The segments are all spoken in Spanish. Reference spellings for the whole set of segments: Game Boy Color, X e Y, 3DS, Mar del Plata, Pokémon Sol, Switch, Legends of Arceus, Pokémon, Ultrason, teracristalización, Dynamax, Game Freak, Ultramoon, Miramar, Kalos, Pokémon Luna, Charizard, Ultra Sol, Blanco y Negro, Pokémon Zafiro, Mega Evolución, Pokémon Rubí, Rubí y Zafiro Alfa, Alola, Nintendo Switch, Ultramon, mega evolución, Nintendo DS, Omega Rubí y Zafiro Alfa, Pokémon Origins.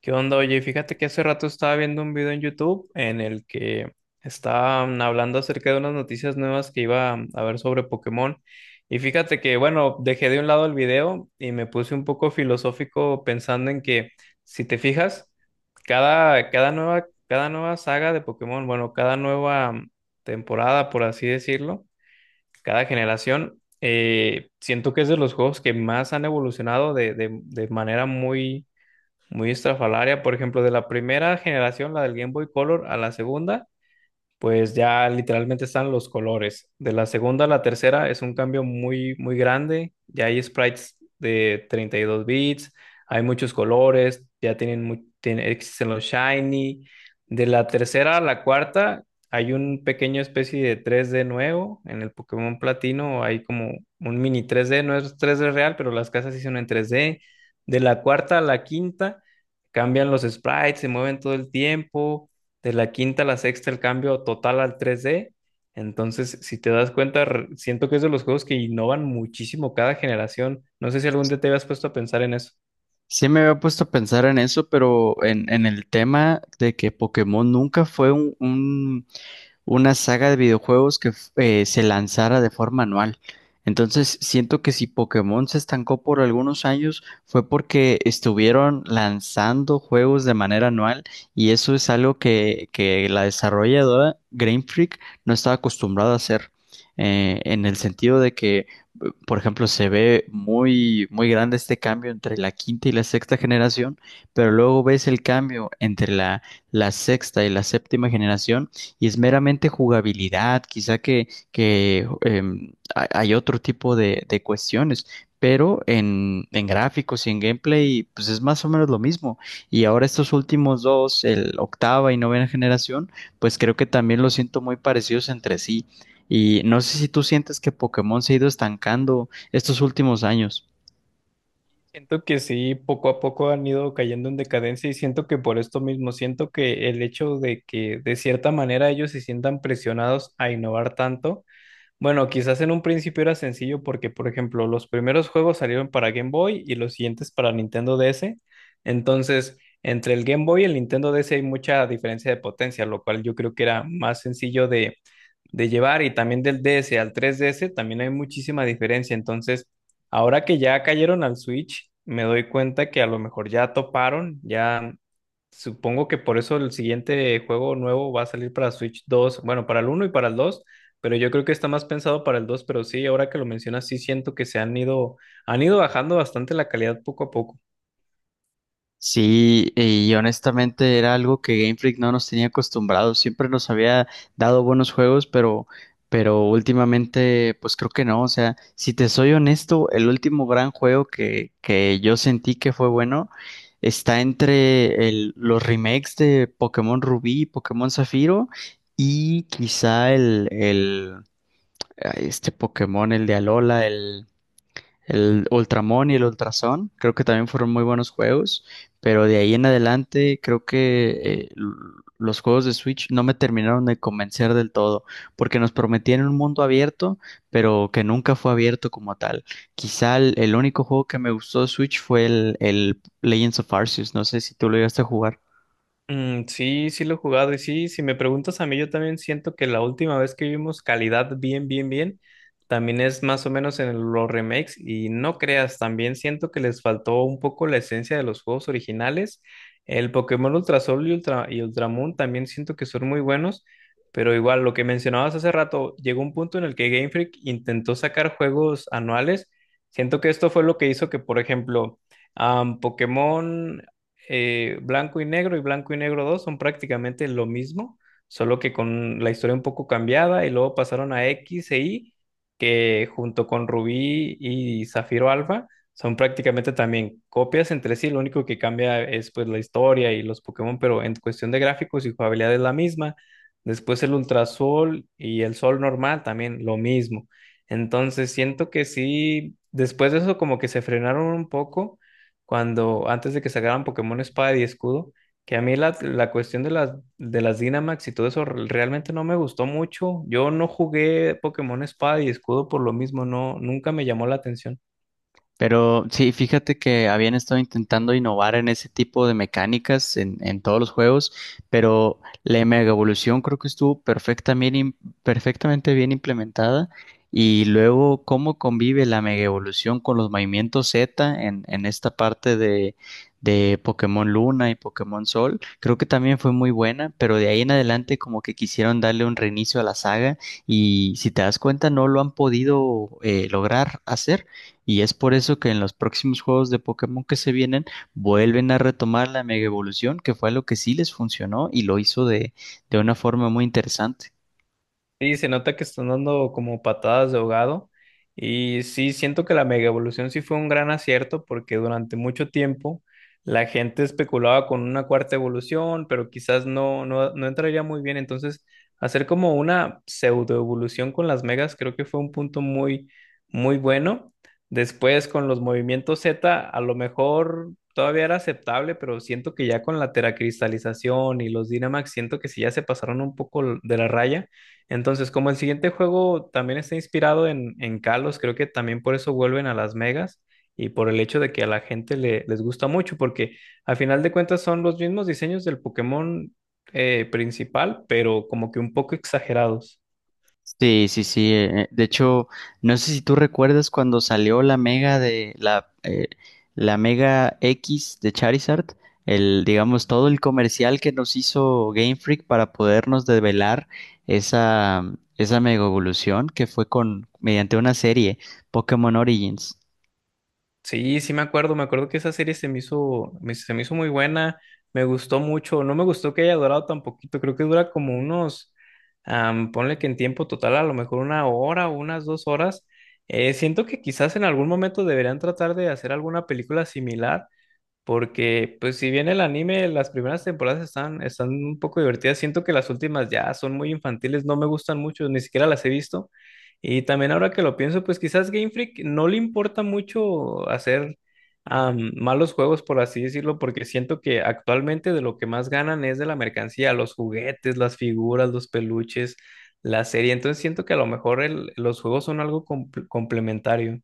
¿Qué onda? Oye, fíjate que hace rato estaba viendo un video en YouTube en el que estaban hablando acerca de unas noticias nuevas que iba a haber sobre Pokémon. Y fíjate que, bueno, dejé de un lado el video y me puse un poco filosófico pensando en que, si te fijas, cada nueva saga de Pokémon. Bueno, cada nueva temporada, por así decirlo, cada generación, siento que es de los juegos que más han evolucionado de manera muy muy estrafalaria. Por ejemplo, de la primera generación, la del Game Boy Color, a la segunda, pues ya literalmente están los colores. De la segunda a la tercera es un cambio muy, muy grande. Ya hay sprites de 32 bits, hay muchos colores, ya tienen, existen los shiny. De la tercera a la cuarta hay un pequeño especie de 3D nuevo. En el Pokémon Platino hay como un mini 3D, no es 3D real, pero las casas sí son en 3D. De la cuarta a la quinta cambian los sprites, se mueven todo el tiempo. De la quinta a la sexta el cambio total al 3D. Entonces, si te das cuenta, siento que es de los juegos que innovan muchísimo cada generación. No sé si algún día te habías puesto a pensar en eso. Sí me había puesto a pensar en eso, pero en el tema de que Pokémon nunca fue una saga de videojuegos que se lanzara de forma anual. Entonces, siento que si Pokémon se estancó por algunos años fue porque estuvieron lanzando juegos de manera anual y eso es algo que la desarrolladora Game Freak no estaba acostumbrada a hacer, en el sentido de que, por ejemplo, se ve muy, muy grande este cambio entre la quinta y la sexta generación, pero luego ves el cambio entre la sexta y la séptima generación, y es meramente jugabilidad, quizá que hay otro tipo de cuestiones, pero en gráficos y en gameplay, pues es más o menos lo mismo. Y ahora estos últimos dos, el octava y novena generación, pues creo que también los siento muy parecidos entre sí. Y no sé si tú sientes que Pokémon se ha ido estancando estos últimos años. Siento que sí, poco a poco han ido cayendo en decadencia y siento que por esto mismo, siento que el hecho de que de cierta manera ellos se sientan presionados a innovar tanto. Bueno, quizás en un principio era sencillo porque, por ejemplo, los primeros juegos salieron para Game Boy y los siguientes para Nintendo DS. Entonces, entre el Game Boy y el Nintendo DS hay mucha diferencia de potencia, lo cual yo creo que era más sencillo de llevar. Y también del DS al 3DS también hay muchísima diferencia. Entonces, ahora que ya cayeron al Switch, me doy cuenta que a lo mejor ya toparon, ya. Supongo que por eso el siguiente juego nuevo va a salir para Switch 2, bueno, para el uno y para el 2, pero yo creo que está más pensado para el 2. Pero sí, ahora que lo mencionas, sí siento que han ido bajando bastante la calidad poco a poco. Sí, y honestamente era algo que Game Freak no nos tenía acostumbrados. Siempre nos había dado buenos juegos, pero últimamente, pues creo que no. O sea, si te soy honesto, el último gran juego que yo sentí que fue bueno está entre los remakes de Pokémon Rubí y Pokémon Zafiro, y quizá este Pokémon, el de Alola, el Ultramon y el Ultrason, creo que también fueron muy buenos juegos, pero de ahí en adelante creo que los juegos de Switch no me terminaron de convencer del todo, porque nos prometían un mundo abierto, pero que nunca fue abierto como tal. Quizá el único juego que me gustó de Switch fue el Legends of Arceus. No sé si tú lo llegaste a jugar. Mm, sí, sí lo he jugado. Y sí, si me preguntas a mí, yo también siento que la última vez que vimos calidad bien, bien, bien, también es más o menos en los remakes. Y no creas, también siento que les faltó un poco la esencia de los juegos originales. El Pokémon Ultra Sol y Ultramoon también siento que son muy buenos, pero igual lo que mencionabas hace rato, llegó un punto en el que Game Freak intentó sacar juegos anuales. Siento que esto fue lo que hizo que, por ejemplo, Pokémon Blanco y Negro y Blanco y Negro 2 son prácticamente lo mismo, solo que con la historia un poco cambiada, y luego pasaron a X e Y, que junto con Rubí y Zafiro Alfa son prácticamente también copias entre sí. Lo único que cambia es pues la historia y los Pokémon, pero en cuestión de gráficos y jugabilidad es la misma. Después el Ultrasol y el Sol normal también lo mismo. Entonces siento que sí, después de eso como que se frenaron un poco cuando antes de que sacaran Pokémon Espada y Escudo, que a mí la cuestión de las Dynamax y todo eso realmente no me gustó mucho. Yo no jugué Pokémon Espada y Escudo por lo mismo, no, nunca me llamó la atención. Pero sí, fíjate que habían estado intentando innovar en ese tipo de mecánicas en todos los juegos, pero la Mega Evolución creo que estuvo perfectamente bien implementada. Y luego, ¿cómo convive la Mega Evolución con los movimientos Z en esta parte de Pokémon Luna y Pokémon Sol? Creo que también fue muy buena, pero de ahí en adelante como que quisieron darle un reinicio a la saga y, si te das cuenta, no lo han podido lograr hacer. Y es por eso que en los próximos juegos de Pokémon que se vienen vuelven a retomar la Mega Evolución, que fue lo que sí les funcionó, y lo hizo de una forma muy interesante. Sí, se nota que están dando como patadas de ahogado. Y sí, siento que la mega evolución sí fue un gran acierto porque durante mucho tiempo la gente especulaba con una cuarta evolución, pero quizás no entraría muy bien. Entonces, hacer como una pseudo evolución con las megas creo que fue un punto muy, muy bueno. Después, con los movimientos Z, a lo mejor todavía era aceptable, pero siento que ya con la teracristalización y los Dynamax, siento que sí ya se pasaron un poco de la raya. Entonces, como el siguiente juego también está inspirado en Kalos, creo que también por eso vuelven a Las Megas, y por el hecho de que a la gente les gusta mucho, porque al final de cuentas son los mismos diseños del Pokémon principal, pero como que un poco exagerados. Sí, sí, sí. De hecho, no sé si tú recuerdas cuando salió la mega de la mega X de Charizard, el, digamos, todo el comercial que nos hizo Game Freak para podernos develar esa, esa mega evolución, que fue con, mediante una serie, Pokémon Origins. Sí, sí me acuerdo que esa serie se me hizo muy buena, me gustó mucho. No me gustó que haya durado tan poquito, creo que dura como unos, ponle que en tiempo total a lo mejor una hora o unas 2 horas. Siento que quizás en algún momento deberían tratar de hacer alguna película similar, porque, pues, si bien el anime, las primeras temporadas están un poco divertidas, siento que las últimas ya son muy infantiles, no me gustan mucho, ni siquiera las he visto. Y también ahora que lo pienso, pues quizás Game Freak no le importa mucho hacer malos juegos, por así decirlo, porque siento que actualmente de lo que más ganan es de la mercancía, los juguetes, las figuras, los peluches, la serie. Entonces siento que a lo mejor los juegos son algo complementario.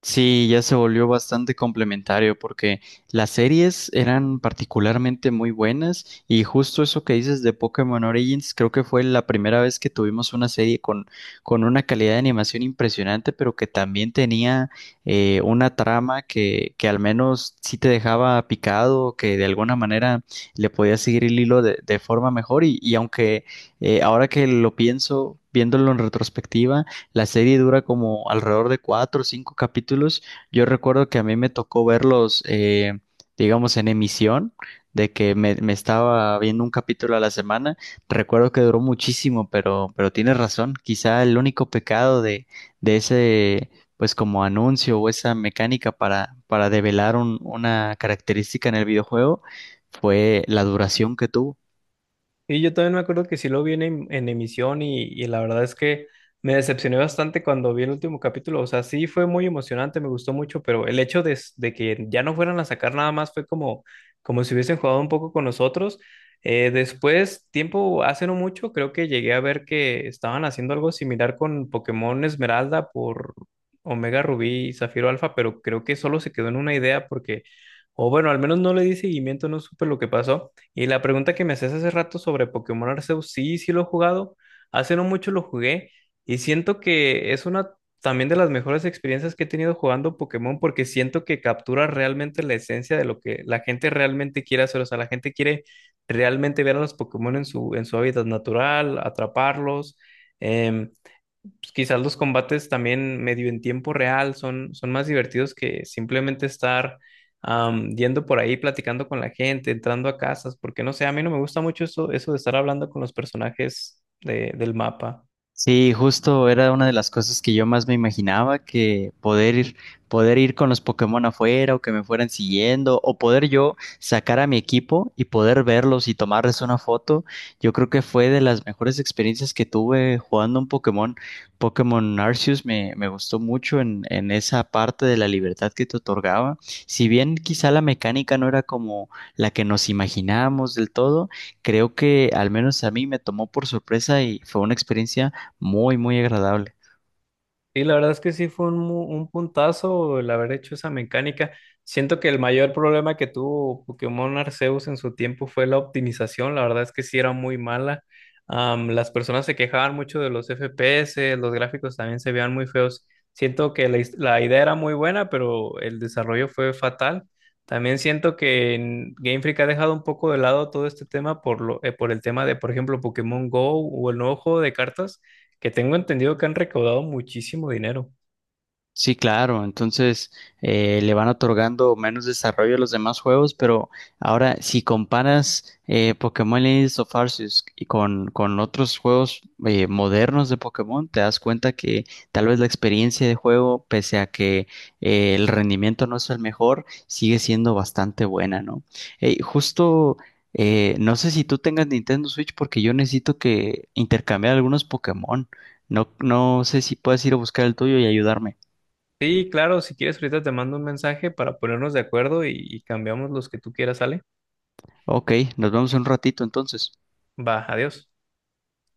Sí, ya se volvió bastante complementario porque las series eran particularmente muy buenas, y justo eso que dices de Pokémon Origins, creo que fue la primera vez que tuvimos una serie con, una calidad de animación impresionante, pero que también tenía una trama que al menos sí te dejaba picado, que de alguna manera le podías seguir el hilo de forma mejor y aunque ahora que lo pienso. Viéndolo en retrospectiva, la serie dura como alrededor de cuatro o cinco capítulos. Yo recuerdo que a mí me tocó verlos, digamos, en emisión, de que me estaba viendo un capítulo a la semana. Recuerdo que duró muchísimo, pero tienes razón. Quizá el único pecado de ese, pues, como anuncio o esa mecánica para develar una característica en el videojuego fue la duración que tuvo. Y yo también me acuerdo que sí lo vi en, en emisión, y la verdad es que me decepcioné bastante cuando vi el último capítulo. O sea, sí fue muy emocionante, me gustó mucho, pero el hecho de, de que ya no fueran a sacar nada más fue como, como si hubiesen jugado un poco con nosotros. Después, tiempo hace no mucho, creo que llegué a ver que estaban haciendo algo similar con Pokémon Esmeralda por Omega Rubí y Zafiro Alfa, pero creo que solo se quedó en una idea porque, o bueno, al menos no le di seguimiento, no supe lo que pasó. Y la pregunta que me hacías hace rato sobre Pokémon Arceus, sí, sí lo he jugado. Hace no mucho lo jugué y siento que es una también de las mejores experiencias que he tenido jugando Pokémon, porque siento que captura realmente la esencia de lo que la gente realmente quiere hacer. O sea, la gente quiere realmente ver a los Pokémon en su hábitat natural, atraparlos. Em, pues, quizás los combates también medio en tiempo real son más divertidos que simplemente estar yendo por ahí platicando con la gente, entrando a casas, porque no sé, a mí no me gusta mucho eso, eso de estar hablando con los personajes del mapa. Sí, justo era una de las cosas que yo más me imaginaba, que poder ir con los Pokémon afuera, o que me fueran siguiendo, o poder yo sacar a mi equipo y poder verlos y tomarles una foto. Yo creo que fue de las mejores experiencias que tuve jugando un Pokémon. Pokémon Arceus me gustó mucho en esa parte de la libertad que te otorgaba. Si bien quizá la mecánica no era como la que nos imaginábamos del todo, creo que al menos a mí me tomó por sorpresa y fue una experiencia muy, muy agradable. Sí, la verdad es que sí fue un puntazo el haber hecho esa mecánica. Siento que el mayor problema que tuvo Pokémon Arceus en su tiempo fue la optimización. La verdad es que sí era muy mala. Las personas se quejaban mucho de los FPS, los gráficos también se veían muy feos. Siento que la idea era muy buena, pero el desarrollo fue fatal. También siento que en Game Freak ha dejado un poco de lado todo este tema por el tema de, por ejemplo, Pokémon Go o el nuevo juego de cartas, que tengo entendido que han recaudado muchísimo dinero. Sí, claro. Entonces le van otorgando menos desarrollo a los demás juegos, pero ahora, si comparas Pokémon Legends of Arceus y con otros juegos modernos de Pokémon, te das cuenta que tal vez la experiencia de juego, pese a que el rendimiento no es el mejor, sigue siendo bastante buena, ¿no? Justo, no sé si tú tengas Nintendo Switch, porque yo necesito que intercambiar algunos Pokémon. No, no sé si puedes ir a buscar el tuyo y ayudarme. Sí, claro, si quieres, ahorita te mando un mensaje para ponernos de acuerdo y cambiamos los que tú quieras, ¿sale? Ok, nos vemos en un ratito entonces. Va, adiós.